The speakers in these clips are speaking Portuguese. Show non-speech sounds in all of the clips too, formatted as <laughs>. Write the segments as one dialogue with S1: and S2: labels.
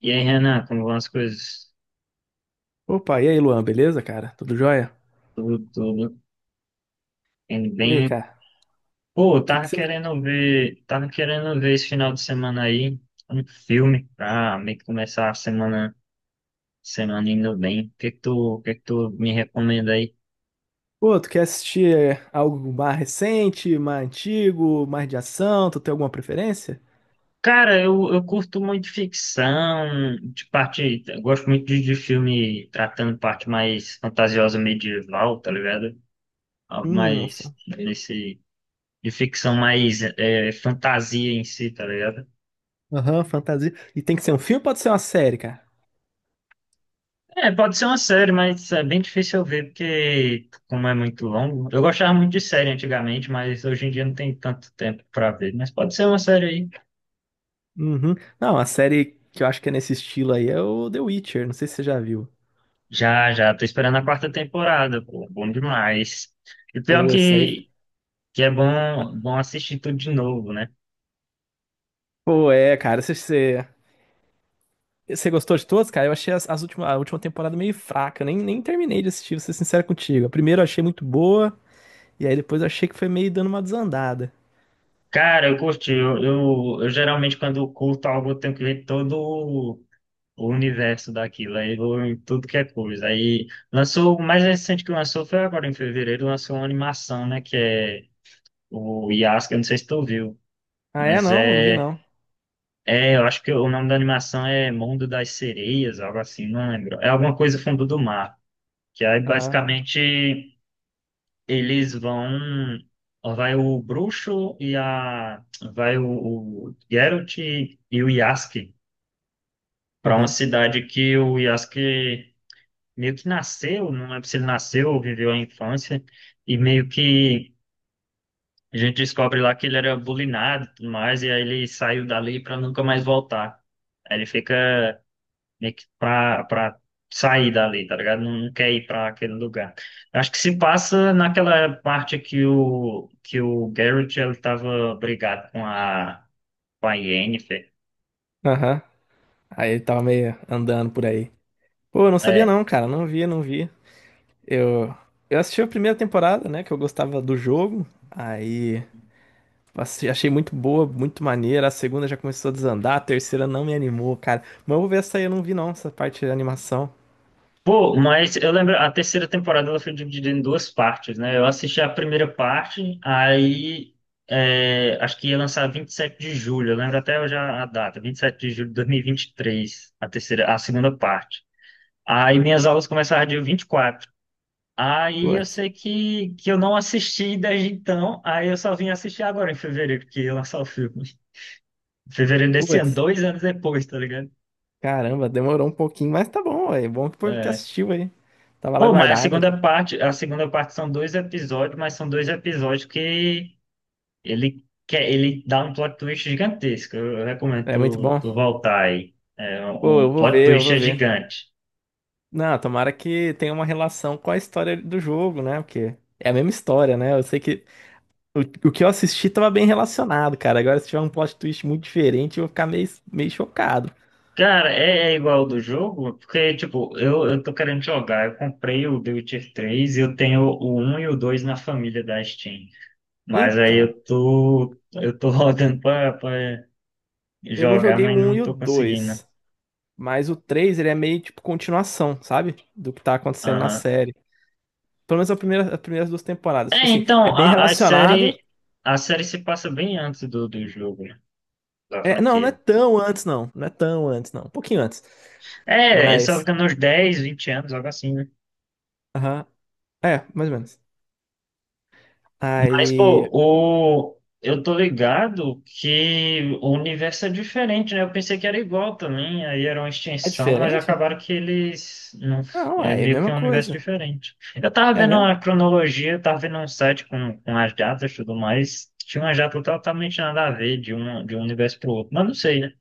S1: E aí, Renan, como vão as coisas?
S2: Opa, e aí, Luan, beleza, cara? Tudo jóia?
S1: Tudo, tudo. Indo
S2: E aí,
S1: bem.
S2: cara? O
S1: Pô, eu
S2: que que você me...
S1: tava querendo ver esse final de semana aí um filme pra meio que começar a semana, semana indo bem. O que que tu me recomenda aí?
S2: Pô, tu quer assistir é, algo mais recente, mais antigo, mais de ação? Tu tem alguma preferência?
S1: Cara, eu curto muito ficção, de parte, eu gosto muito de filme tratando parte mais fantasiosa medieval, tá ligado? Algo
S2: Hum,
S1: mais
S2: fa-
S1: nesse, de ficção mais é, fantasia em si, tá ligado?
S2: aham, fantasia. E tem que ser um filme ou pode ser uma série, cara?
S1: É, pode ser uma série, mas é bem difícil eu ver, porque como é muito longo. Eu gostava muito de série antigamente, mas hoje em dia não tem tanto tempo pra ver. Mas pode ser uma série aí.
S2: Uhum. Não, a série que eu acho que é nesse estilo aí é o The Witcher, não sei se você já viu.
S1: Já, já, tô esperando a quarta temporada, pô, bom demais. E pior
S2: Pô, essa aí...
S1: que é bom, bom assistir tudo de novo, né?
S2: Pô, é, cara, você... Você gostou de todos, cara? Eu achei as últimas, a última temporada meio fraca, eu nem terminei de assistir, vou ser sincero contigo. A primeira eu achei muito boa. E aí depois eu achei que foi meio dando uma desandada.
S1: Cara, eu curti. Eu geralmente, quando eu curto algo, eu tenho que ver todo o universo daquilo. Aí eu vou em tudo que é coisa. Aí lançou, o mais recente que lançou foi agora em fevereiro, lançou uma animação, né? Que é o Yasuke, eu não sei se tu viu,
S2: Ah, é?
S1: mas
S2: Não, não vi
S1: é,
S2: não.
S1: é, eu acho que o nome da animação é Mundo das Sereias, algo assim, não lembro. É alguma coisa fundo do mar, que aí
S2: Aham,
S1: basicamente eles vão, vai o bruxo e a, vai o Geralt e o Yasuke para uma
S2: aham,
S1: cidade que o Yasuke meio que nasceu, não lembro se ele nasceu ou viveu a infância, e meio que a gente descobre lá que ele era bulinado e tudo mais, e aí ele saiu dali pra nunca mais voltar. Aí ele fica meio que pra sair dali, tá ligado? Não, não quer ir pra aquele lugar. Acho que se passa naquela parte que o Garrett ele tava brigado com a Yennefer.
S2: aham. Aí ele tava meio andando por aí. Pô, eu não sabia
S1: É,
S2: não, cara. Não vi, não vi. Eu, eu assisti a primeira temporada, né? Que eu gostava do jogo. Aí achei muito boa, muito maneira. A segunda já começou a desandar. A terceira não me animou, cara. Mas eu vou ver essa aí, eu não vi não, essa parte de animação.
S1: pô, mas eu lembro, a terceira temporada ela foi dividida em duas partes, né? Eu assisti a primeira parte, aí é, acho que ia lançar 27 de julho, eu lembro até já a data, 27 de julho de dois mil e vinte e três a terceira, a segunda parte. Aí minhas aulas começaram dia 24, aí eu
S2: Putz,
S1: sei que eu não assisti desde então, aí eu só vim assistir agora em fevereiro, que ia lançar o filme. Fevereiro desse ano,
S2: putz.
S1: 2 anos depois, tá ligado?
S2: Caramba, demorou um pouquinho, mas tá bom, é bom que porque
S1: É.
S2: assistiu aí. Tava lá
S1: Pô, mas
S2: guardado.
S1: a segunda parte são dois episódios, mas são dois episódios que ele quer, ele dá um plot twist gigantesco. Eu recomendo
S2: É muito
S1: tu,
S2: bom.
S1: tu voltar aí. É,
S2: Pô,
S1: o
S2: eu vou
S1: plot
S2: ver, eu
S1: twist
S2: vou
S1: é
S2: ver.
S1: gigante.
S2: Não, tomara que tenha uma relação com a história do jogo, né? Porque é a mesma história, né? Eu sei que o, o que eu assisti tava bem relacionado, cara. Agora, se tiver um plot twist muito diferente, eu vou ficar meio, chocado.
S1: Cara, é, é igual ao do jogo, porque, tipo, eu tô querendo jogar. Eu comprei o The Witcher 3 e eu tenho o um e o 2 na família da Steam. Mas aí
S2: Então,
S1: eu tô <laughs> rodando pra
S2: eu não
S1: jogar,
S2: joguei o
S1: mas
S2: 1
S1: não
S2: e o
S1: tô conseguindo.
S2: dois, mas o 3 ele é meio tipo continuação, sabe? Do que tá acontecendo na série. Pelo menos a primeira, as primeiras duas temporadas. Tipo
S1: É,
S2: assim,
S1: então,
S2: é bem
S1: a, a
S2: relacionado.
S1: série a série se passa bem antes do jogo, né? Da
S2: É, não, não é
S1: franquia.
S2: tão antes, não. Não é tão antes, não. Um pouquinho antes.
S1: É, só
S2: Mas,
S1: fica nos 10, 20 anos, algo assim, né?
S2: aham. É, mais ou menos.
S1: Mas,
S2: Aí.
S1: pô, o, eu tô ligado que o universo é diferente, né? Eu pensei que era igual também, aí era uma
S2: É
S1: extensão, mas
S2: diferente?
S1: acabaram que eles... Não,
S2: Não,
S1: é
S2: aí é a
S1: meio que
S2: mesma
S1: um universo
S2: coisa.
S1: diferente. Eu tava
S2: É
S1: vendo
S2: mesmo?
S1: a cronologia, eu tava vendo um site com as datas e tudo mais, tinha uma data totalmente nada a ver de um universo pro outro, mas não sei, né?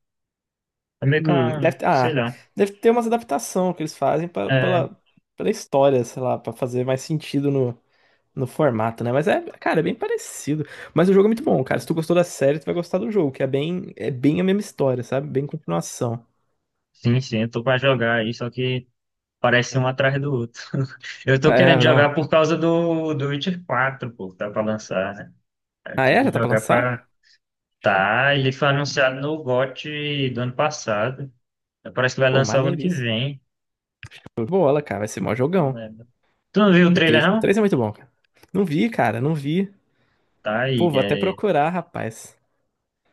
S1: É meio que uma,
S2: Deve,
S1: sei
S2: ah,
S1: lá.
S2: deve ter umas adaptação que eles fazem pela,
S1: É,
S2: pela, história, sei lá, pra fazer mais sentido no formato, né? Mas é, cara, é bem parecido. Mas o jogo é muito bom, cara. Se tu gostou da série, tu vai gostar do jogo, que é bem a mesma história, sabe? Bem continuação.
S1: sim, sim, eu tô pra jogar aí, só que parece um atrás do outro. <laughs> Eu tô querendo
S2: É, não.
S1: jogar por causa do Witcher 4, pô, que tá pra lançar, né? Eu
S2: Ah, é?
S1: queria
S2: Já tá pra
S1: jogar
S2: lançar?
S1: pra.
S2: Ixi.
S1: Tá, ele foi anunciado no GOT do ano passado. Parece que vai
S2: Pô,
S1: lançar o ano que
S2: maneiríssimo.
S1: vem.
S2: Show de Bola, cara. Vai ser mó
S1: Não
S2: jogão.
S1: lembro. Tu não viu o
S2: Que o
S1: trailer,
S2: 3, o
S1: não?
S2: 3 é muito bom, cara. Não vi, cara, não vi.
S1: Tá
S2: Pô,
S1: aí,
S2: vou até
S1: é.
S2: procurar, rapaz.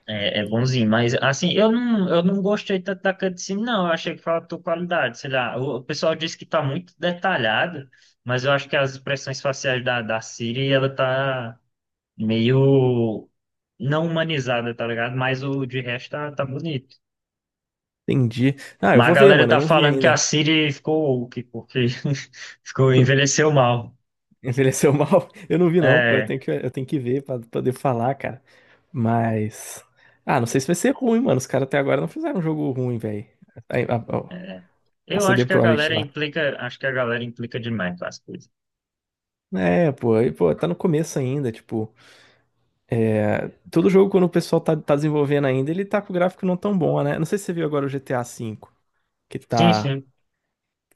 S1: É, é bonzinho, mas assim, eu não gostei tanto da cutscene, não. Eu achei que faltou qualidade, sei lá. O pessoal disse que tá muito detalhado, mas eu acho que as expressões faciais da Siri, ela tá meio não humanizada, tá ligado? Mas o de resto tá, tá bonito.
S2: Entendi. Ah, eu
S1: Mas
S2: vou
S1: a
S2: ver,
S1: galera
S2: mano. Eu
S1: tá
S2: não vi
S1: falando que a
S2: ainda.
S1: Siri ficou woke, porque <laughs> ficou, envelheceu mal.
S2: Envelheceu <laughs> mal? Eu não vi, não. Pô, eu
S1: É,
S2: tenho que, eu tenho que ver pra poder falar, cara. Mas. Ah, não sei se vai ser ruim, mano. Os caras até agora não fizeram um jogo ruim, velho. A, a-
S1: é.
S2: a
S1: Eu
S2: CD
S1: acho que a
S2: Projekt
S1: galera
S2: lá.
S1: implica, acho que a galera implica demais com as coisas.
S2: É, pô, e, pô, tá no começo ainda, tipo. Todo jogo, quando o pessoal tá desenvolvendo ainda, ele tá com o gráfico não tão bom, né? Não sei se você viu agora o GTA V, que
S1: Sim,
S2: tá.
S1: sim.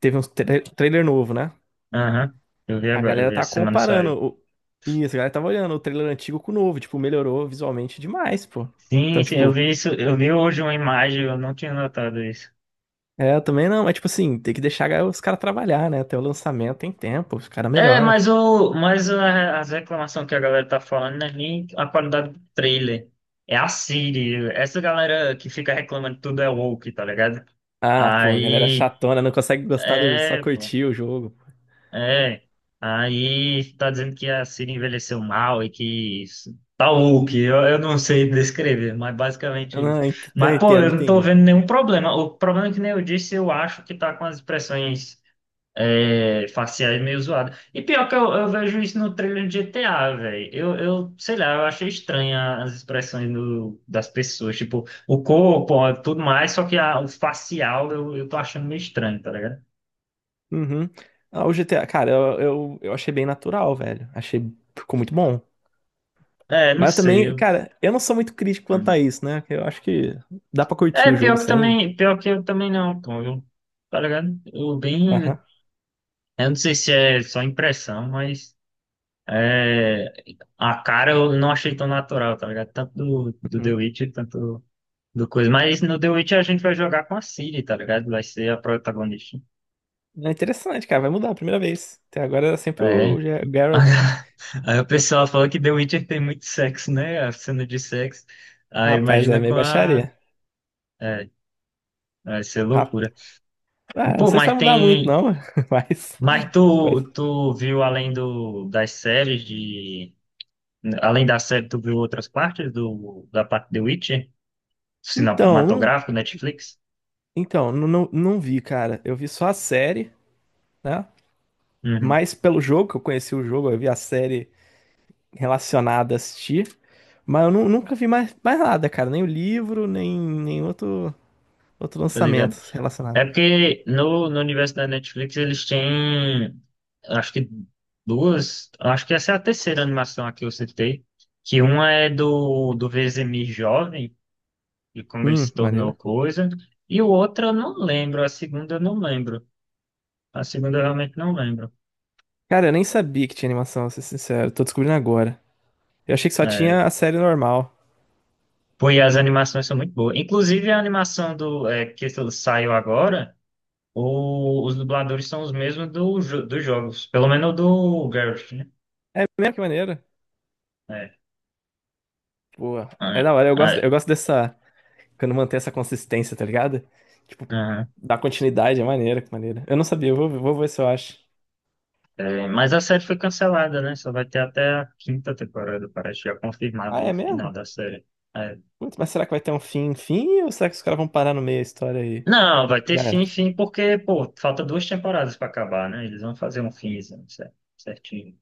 S2: Teve um trailer novo, né?
S1: Aham, eu vi
S2: A
S1: agora, eu
S2: galera
S1: vi
S2: tá
S1: essa semana saiu.
S2: comparando. O... Isso, a galera tava olhando o trailer antigo com o novo. Tipo, melhorou visualmente demais, pô.
S1: Sim,
S2: Então,
S1: sim, eu
S2: tipo,
S1: vi isso, eu vi hoje uma imagem, eu não tinha notado isso.
S2: é, eu também não. Mas, tipo assim, tem que deixar os caras trabalhar, né? Até o lançamento tem tempo, os caras
S1: É,
S2: melhoram.
S1: mas o, mas a- as reclamações que a galera tá falando não é nem a qualidade do trailer. É a Siri. Essa galera que fica reclamando que tudo é woke, tá ligado?
S2: Ah, pô, a galera
S1: Aí,
S2: chatona, não consegue gostar do. Só
S1: é.
S2: curtir o jogo.
S1: É, aí tá dizendo que a Siri envelheceu mal e que isso- tá o que eu não sei <laughs> descrever, mas
S2: Eu
S1: basicamente isso.
S2: não, eu
S1: Mas, pô, eu
S2: entendo,
S1: não tô
S2: entendi.
S1: vendo nenhum problema. O problema é que nem eu disse, eu acho que tá com as expressões é, faciais meio zoadas. E pior que eu vejo isso no trailer de GTA, velho. Sei lá, eu achei estranha as expressões do, das pessoas, tipo, o corpo, ó, tudo mais, só que a- o facial eu tô achando meio estranho, tá ligado?
S2: Uhum. Ah, o GTA, cara, eu achei bem natural, velho. Achei. Ficou muito bom.
S1: É, não
S2: Mas eu
S1: sei.
S2: também,
S1: Eu-
S2: cara, eu não sou muito crítico quanto a
S1: uhum.
S2: isso, né? Eu acho que dá pra curtir
S1: É,
S2: o jogo
S1: pior que
S2: sem.
S1: também, pior que eu também não, pô, eu, tá ligado? Eu bem,
S2: Aham.
S1: eu não sei se é só impressão, mas é, a cara eu não achei tão natural, tá ligado? Tanto do The
S2: Uhum.
S1: Witcher, tanto do coisa, mas no The Witcher a gente vai jogar com a Ciri, tá ligado? Vai ser a protagonista.
S2: É interessante, cara. Vai mudar a primeira vez. Até agora era sempre
S1: É.
S2: o
S1: Aí
S2: Garrett, né?
S1: <laughs> aí o pessoal fala que The Witcher tem muito sexo, né? A cena de sexo. Aí
S2: Rapaz, é
S1: imagina
S2: meio
S1: com a...
S2: baixaria.
S1: É, vai ser
S2: Rapaz,
S1: loucura.
S2: ah, não
S1: Pô,
S2: sei se vai
S1: mas
S2: mudar muito,
S1: tem...
S2: não, <laughs> mas,
S1: Mas tu,
S2: mas.
S1: tu viu além do, das séries de. Além da série, tu viu outras partes do, da parte de Witcher?
S2: Então, não,
S1: Cinematográfico, Netflix?
S2: então não, não, não vi, cara. Eu vi só a série, né?
S1: Uhum,
S2: Mas pelo jogo, que eu conheci o jogo, eu vi a série relacionada a assistir. Mas eu nunca vi mais, nada, cara. Nem o livro, nem outro
S1: tá
S2: lançamento
S1: ligado?
S2: relacionado.
S1: É porque no universo da Netflix eles têm. Acho que duas. Acho que essa é a terceira animação aqui que eu citei. Que uma é do Vezemir jovem, e como ele se
S2: Maneiro.
S1: tornou coisa. E o outro eu não lembro. A segunda eu não lembro. A segunda eu realmente não lembro.
S2: Cara, eu nem sabia que tinha animação, vou ser sincero. Tô descobrindo agora. Eu achei que só
S1: É,
S2: tinha a série normal.
S1: pô, e as animações são muito boas. Inclusive, a animação do, é, que saiu agora, o- os dubladores são os mesmos do, jo- dos jogos. Pelo menos do Garrett, né?
S2: É mesmo que maneiro.
S1: É.
S2: Boa.
S1: Ah,
S2: É da hora,
S1: ah,
S2: eu gosto dessa. Quando mantém essa consistência, tá ligado? Tipo,
S1: aham.
S2: dá continuidade, é maneiro, que maneiro. Eu não sabia, eu vou ver se eu acho.
S1: É, mas a série foi cancelada, né? Só vai ter até a quinta temporada, parece já
S2: Ah,
S1: confirmado o
S2: é
S1: final
S2: mesmo?
S1: da série. É.
S2: Putz, mas será que vai ter um fim, fim? Ou será que os caras vão parar no meio da história aí?
S1: Não, vai ter
S2: Já
S1: fim,
S2: era.
S1: fim, porque, pô, falta duas temporadas pra acabar, né? Eles vão fazer um fim, certinho.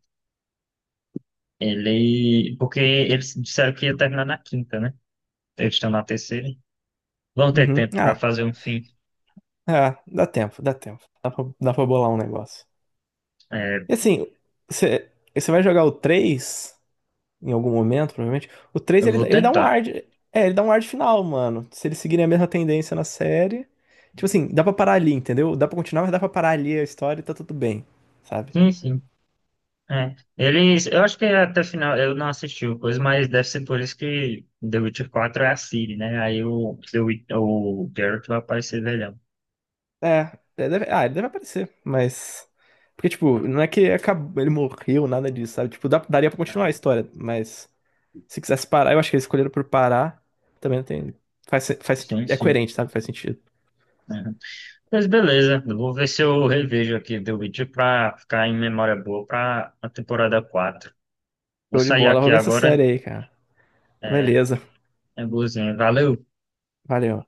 S1: Ele. Porque eles disseram que ia terminar na quinta, né? Eles estão na terceira. Vão ter
S2: Uhum.
S1: tempo para
S2: Ah,
S1: fazer um fim.
S2: ah, dá tempo, dá tempo. Dá pra bolar um negócio.
S1: É,
S2: E assim, você vai jogar o três em algum momento, provavelmente? O 3
S1: eu
S2: ele,
S1: vou
S2: ele dá um ar
S1: tentar.
S2: de, é, ele dá um ar de final, mano. Se eles seguirem a mesma tendência na série, tipo assim, dá pra parar ali, entendeu? Dá pra continuar, mas dá pra parar ali a história e tá tudo bem, sabe?
S1: Sim, sim. É. Eles, eu acho que até o final, eu não assisti o coisa, mas deve ser por isso que The Witcher 4 é a Ciri, né? Aí o, The Wit- o Geralt vai aparecer velhão.
S2: É, ele deve, ah, ele deve aparecer, mas porque tipo, não é que acabou, ele morreu, nada disso, sabe? Tipo, daria pra continuar a
S1: É.
S2: história, mas se quisesse parar, eu acho que eles escolheram por parar, também não tem faz, faz
S1: Sim,
S2: é
S1: sim.
S2: coerente, sabe? Faz sentido.
S1: É. Mas beleza, eu vou ver se eu revejo aqui The Witcher pra ficar em memória boa pra a temporada 4. Vou
S2: Show de
S1: sair
S2: bola,
S1: aqui
S2: vou ver essa
S1: agora.
S2: série aí, cara.
S1: É,
S2: Beleza.
S1: é boazinha. Valeu!
S2: Valeu.